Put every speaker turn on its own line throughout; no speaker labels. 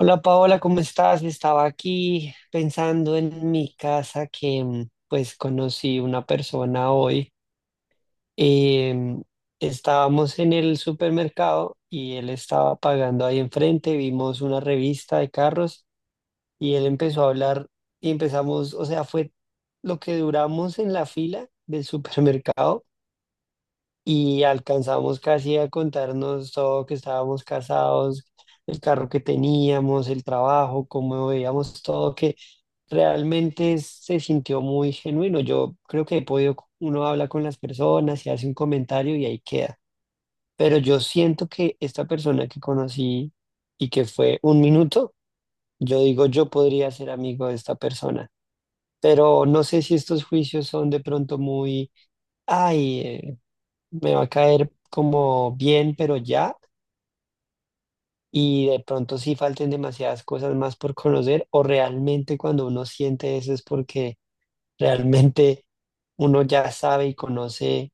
Hola Paola, ¿cómo estás? Estaba aquí pensando en mi casa que pues conocí una persona hoy. Em, Estábamos en el supermercado y él estaba pagando ahí enfrente, vimos una revista de carros y él empezó a hablar y empezamos, o sea, fue lo que duramos en la fila del supermercado y alcanzamos casi a contarnos todo, que estábamos casados, el carro que teníamos, el trabajo, cómo veíamos todo, que realmente se sintió muy genuino. Yo creo que he podido, uno habla con las personas y hace un comentario y ahí queda. Pero yo siento que esta persona que conocí y que fue un minuto, yo digo, yo podría ser amigo de esta persona. Pero no sé si estos juicios son de pronto muy, ay, me va a caer como bien, pero ya, y de pronto sí falten demasiadas cosas más por conocer, o realmente cuando uno siente eso es porque realmente uno ya sabe y conoce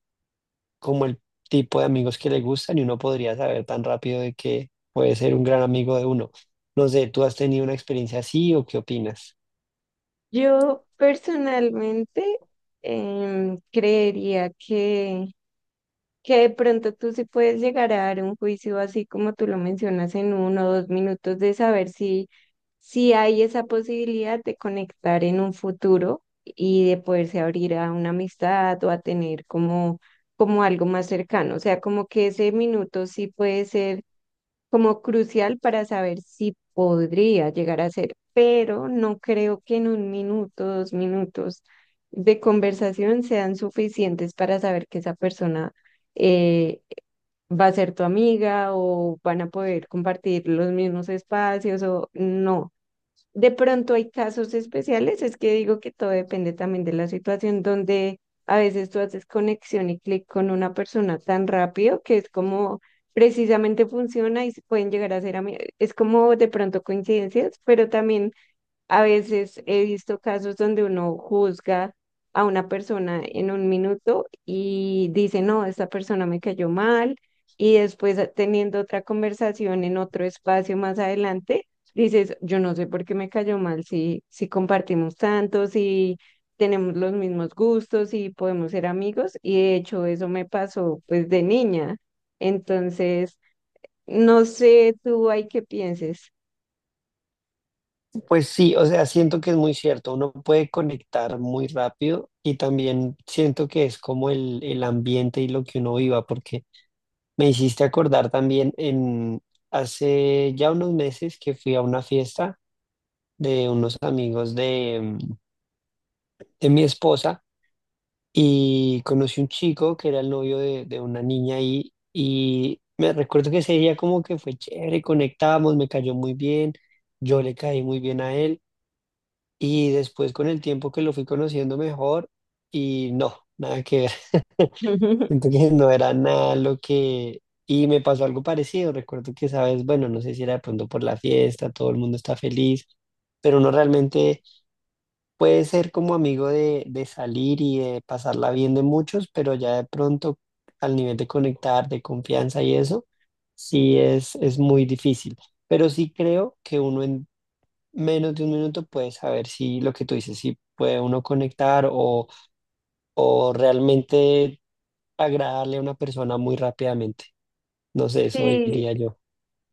como el tipo de amigos que le gustan y uno podría saber tan rápido de que puede ser un gran amigo de uno. No sé, ¿tú has tenido una experiencia así o qué opinas?
Yo personalmente creería que de pronto tú sí puedes llegar a dar un juicio así como tú lo mencionas en 1 o 2 minutos de saber si hay esa posibilidad de conectar en un futuro y de poderse abrir a una amistad o a tener como algo más cercano. O sea, como que ese minuto sí puede ser como crucial para saber si podría llegar a ser, pero no creo que en 1 minuto, 2 minutos de conversación sean suficientes para saber que esa persona eh, va a ser tu amiga o van a poder compartir los mismos espacios o no. De pronto hay casos especiales, es que digo que todo depende también de la situación donde a veces tú haces conexión y clic con una persona tan rápido que es como precisamente funciona y se pueden llegar a ser amigos. Es como de pronto coincidencias, pero también a veces he visto casos donde uno juzga a una persona en 1 minuto y dice, no, esta persona me cayó mal, y después teniendo otra conversación en otro espacio más adelante, dices, yo no sé por qué me cayó mal, si compartimos tanto, si tenemos los mismos gustos, si podemos ser amigos, y de hecho eso me pasó pues de niña. Entonces, no sé tú hay qué pienses.
Pues sí, o sea, siento que es muy cierto, uno puede conectar muy rápido y también siento que es como el ambiente y lo que uno viva, porque me hiciste acordar también en hace ya unos meses que fui a una fiesta de unos amigos de, de mi esposa y conocí un chico que era el novio de una niña ahí y me recuerdo que ese día como que fue chévere, conectamos, me cayó muy bien, yo le caí muy bien a él y después con el tiempo que lo fui conociendo mejor y no, nada que ver. Siento que no era nada lo que... Y me pasó algo parecido. Recuerdo que, sabes, bueno, no sé si era de pronto por la fiesta, todo el mundo está feliz, pero uno realmente puede ser como amigo de salir y de pasarla bien de muchos, pero ya de pronto al nivel de conectar, de confianza y eso, sí es muy difícil. Pero sí creo que uno en menos de un minuto puede saber si lo que tú dices, si puede uno conectar o realmente agradarle a una persona muy rápidamente. No sé, eso
Sí,
diría yo.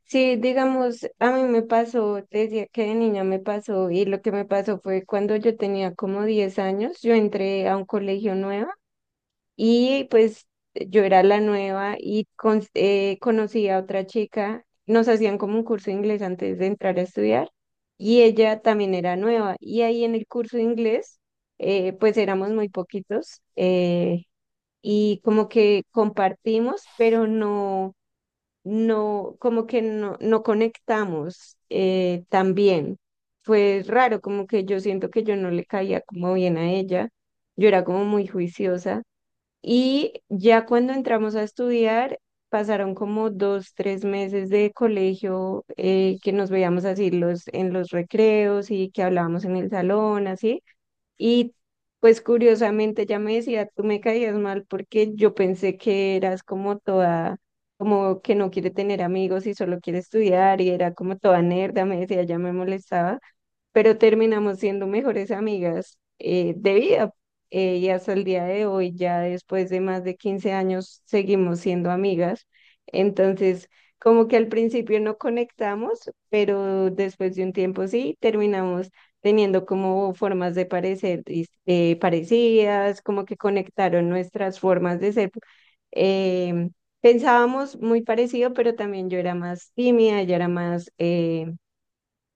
sí, digamos, a mí me pasó, te decía que de niña me pasó y lo que me pasó fue cuando yo tenía como 10 años, yo entré a un colegio nuevo y pues yo era la nueva y conocí a otra chica, nos hacían como un curso de inglés antes de entrar a estudiar y ella también era nueva y ahí en el curso de inglés pues éramos muy poquitos, y como que compartimos, pero no, no, como que no, no conectamos tan bien. Fue raro, como que yo siento que yo no le caía como bien a ella. Yo era como muy juiciosa. Y ya cuando entramos a estudiar, pasaron como 2, 3 meses de colegio, que nos veíamos así los, en los recreos y que hablábamos en el salón, así. Y pues curiosamente ella me decía, tú me caías mal porque yo pensé que eras como toda, como que no quiere tener amigos y solo quiere estudiar y era como toda nerda, me decía, ya me molestaba, pero terminamos siendo mejores amigas, de vida. Y hasta el día de hoy, ya después de más de 15 años, seguimos siendo amigas. Entonces, como que al principio no conectamos, pero después de un tiempo sí, terminamos teniendo como formas de parecer parecidas, como que conectaron nuestras formas de ser. em, Pensábamos muy parecido, pero también yo era más tímida, ella era más,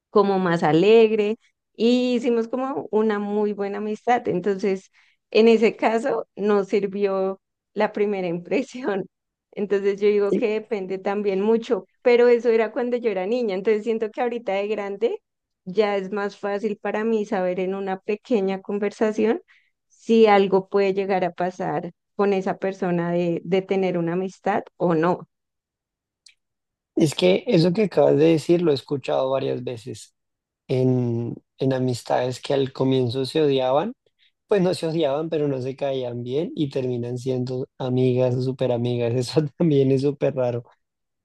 como más alegre, y hicimos como una muy buena amistad. Entonces, en ese caso, nos sirvió la primera impresión. Entonces, yo digo
Y
que depende también mucho, pero eso era cuando yo era niña. Entonces, siento que ahorita de grande ya es más fácil para mí saber en una pequeña conversación si algo puede llegar a pasar con esa persona de tener una amistad o no.
es que eso que acabas de decir lo he escuchado varias veces en amistades que al comienzo se odiaban, pues no se odiaban, pero no se caían bien y terminan siendo amigas o súper amigas. Eso también es súper raro.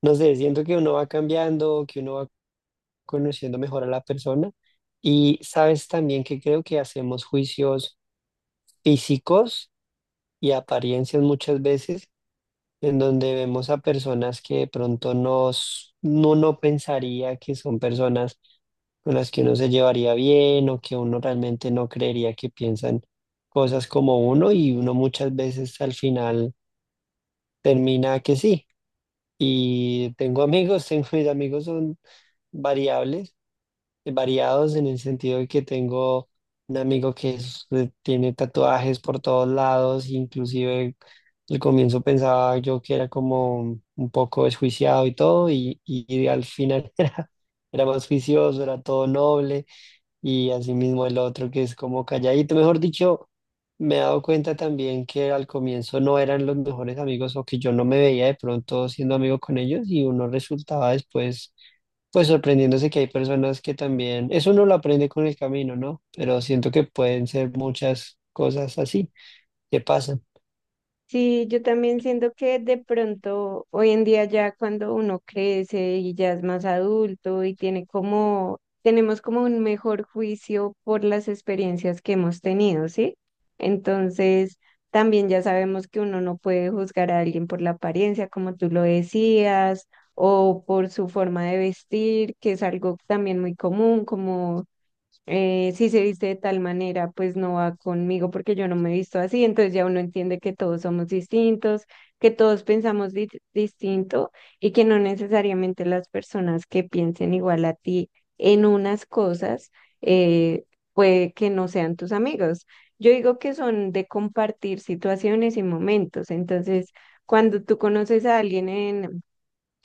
No sé, siento que uno va cambiando, que uno va conociendo mejor a la persona y sabes también que creo que hacemos juicios físicos y apariencias muchas veces en donde vemos a personas que de pronto nos, no, no pensaría que son personas con las que uno se llevaría bien o que uno realmente no creería que piensan cosas como uno y uno muchas veces al final termina que sí. Y tengo amigos, tengo mis amigos son variables variados en el sentido de que tengo un amigo que tiene tatuajes por todos lados, inclusive al comienzo pensaba yo que era como un poco desjuiciado y todo, y al final era, era más juicioso, era todo noble, y asimismo el otro que es como calladito, mejor dicho. Me he dado cuenta también que al comienzo no eran los mejores amigos o que yo no me veía de pronto siendo amigo con ellos y uno resultaba después pues sorprendiéndose que hay personas que también, eso uno lo aprende con el camino, ¿no? Pero siento que pueden ser muchas cosas así que pasan.
Sí, yo también siento que de pronto hoy en día ya cuando uno crece y ya es más adulto y tiene como, tenemos como un mejor juicio por las experiencias que hemos tenido, ¿sí? Entonces, también ya sabemos que uno no puede juzgar a alguien por la apariencia, como tú lo decías, o por su forma de vestir, que es algo también muy común, como si se viste de tal manera, pues no va conmigo porque yo no me he visto así, entonces ya uno entiende que todos somos distintos, que todos pensamos distinto, y que no necesariamente las personas que piensen igual a ti en unas cosas, eh, puede que no sean tus amigos. Yo digo que son de compartir situaciones y momentos, entonces cuando tú conoces a alguien en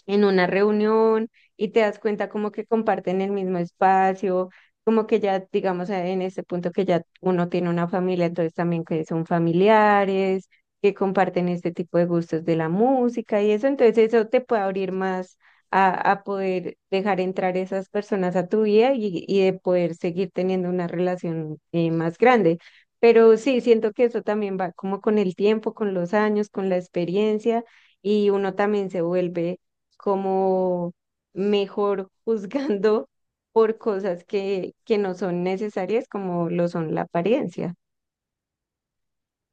en una reunión y te das cuenta como que comparten el mismo espacio, como que ya, digamos, en este punto que ya uno tiene una familia, entonces también que son familiares, que comparten este tipo de gustos de la música y eso, entonces eso te puede abrir más a poder dejar entrar esas personas a tu vida y de poder seguir teniendo una relación, más grande. Pero sí, siento que eso también va como con el tiempo, con los años, con la experiencia, y uno también se vuelve como mejor juzgando por cosas que no son necesarias como lo son la apariencia.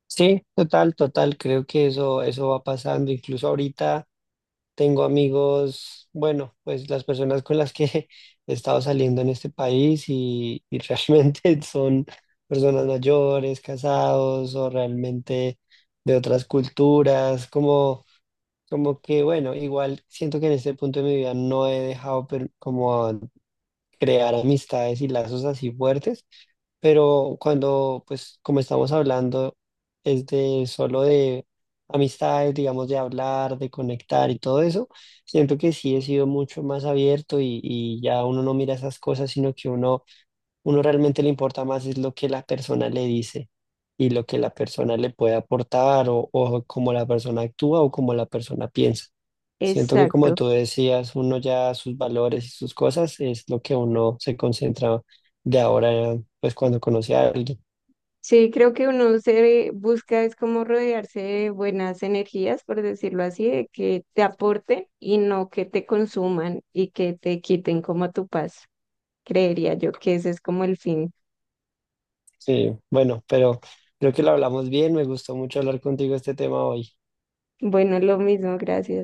Sí, total, total, creo que eso va pasando. Incluso ahorita tengo amigos, bueno, pues las personas con las que he estado saliendo en este país y realmente son personas mayores, casados o realmente de otras culturas, como... Como que, bueno, igual siento que en este punto de mi vida no he dejado como crear amistades y lazos así fuertes, pero cuando, pues, como estamos hablando, es de solo de amistades, digamos, de hablar, de conectar y todo eso, siento que sí he sido mucho más abierto y ya uno no mira esas cosas, sino que uno... Uno realmente le importa más es lo que la persona le dice y lo que la persona le puede aportar o cómo la persona actúa o cómo la persona piensa. Siento que como
Exacto.
tú decías, uno ya sus valores y sus cosas es lo que uno se concentra de ahora, pues cuando conoce a alguien.
Sí, creo que uno se busca es como rodearse de buenas energías, por decirlo así, de que te aporten y no que te consuman y que te quiten como tu paz. Creería yo que ese es como el fin.
Sí, bueno, pero creo que lo hablamos bien, me gustó mucho hablar contigo este tema hoy.
Bueno, lo mismo, gracias.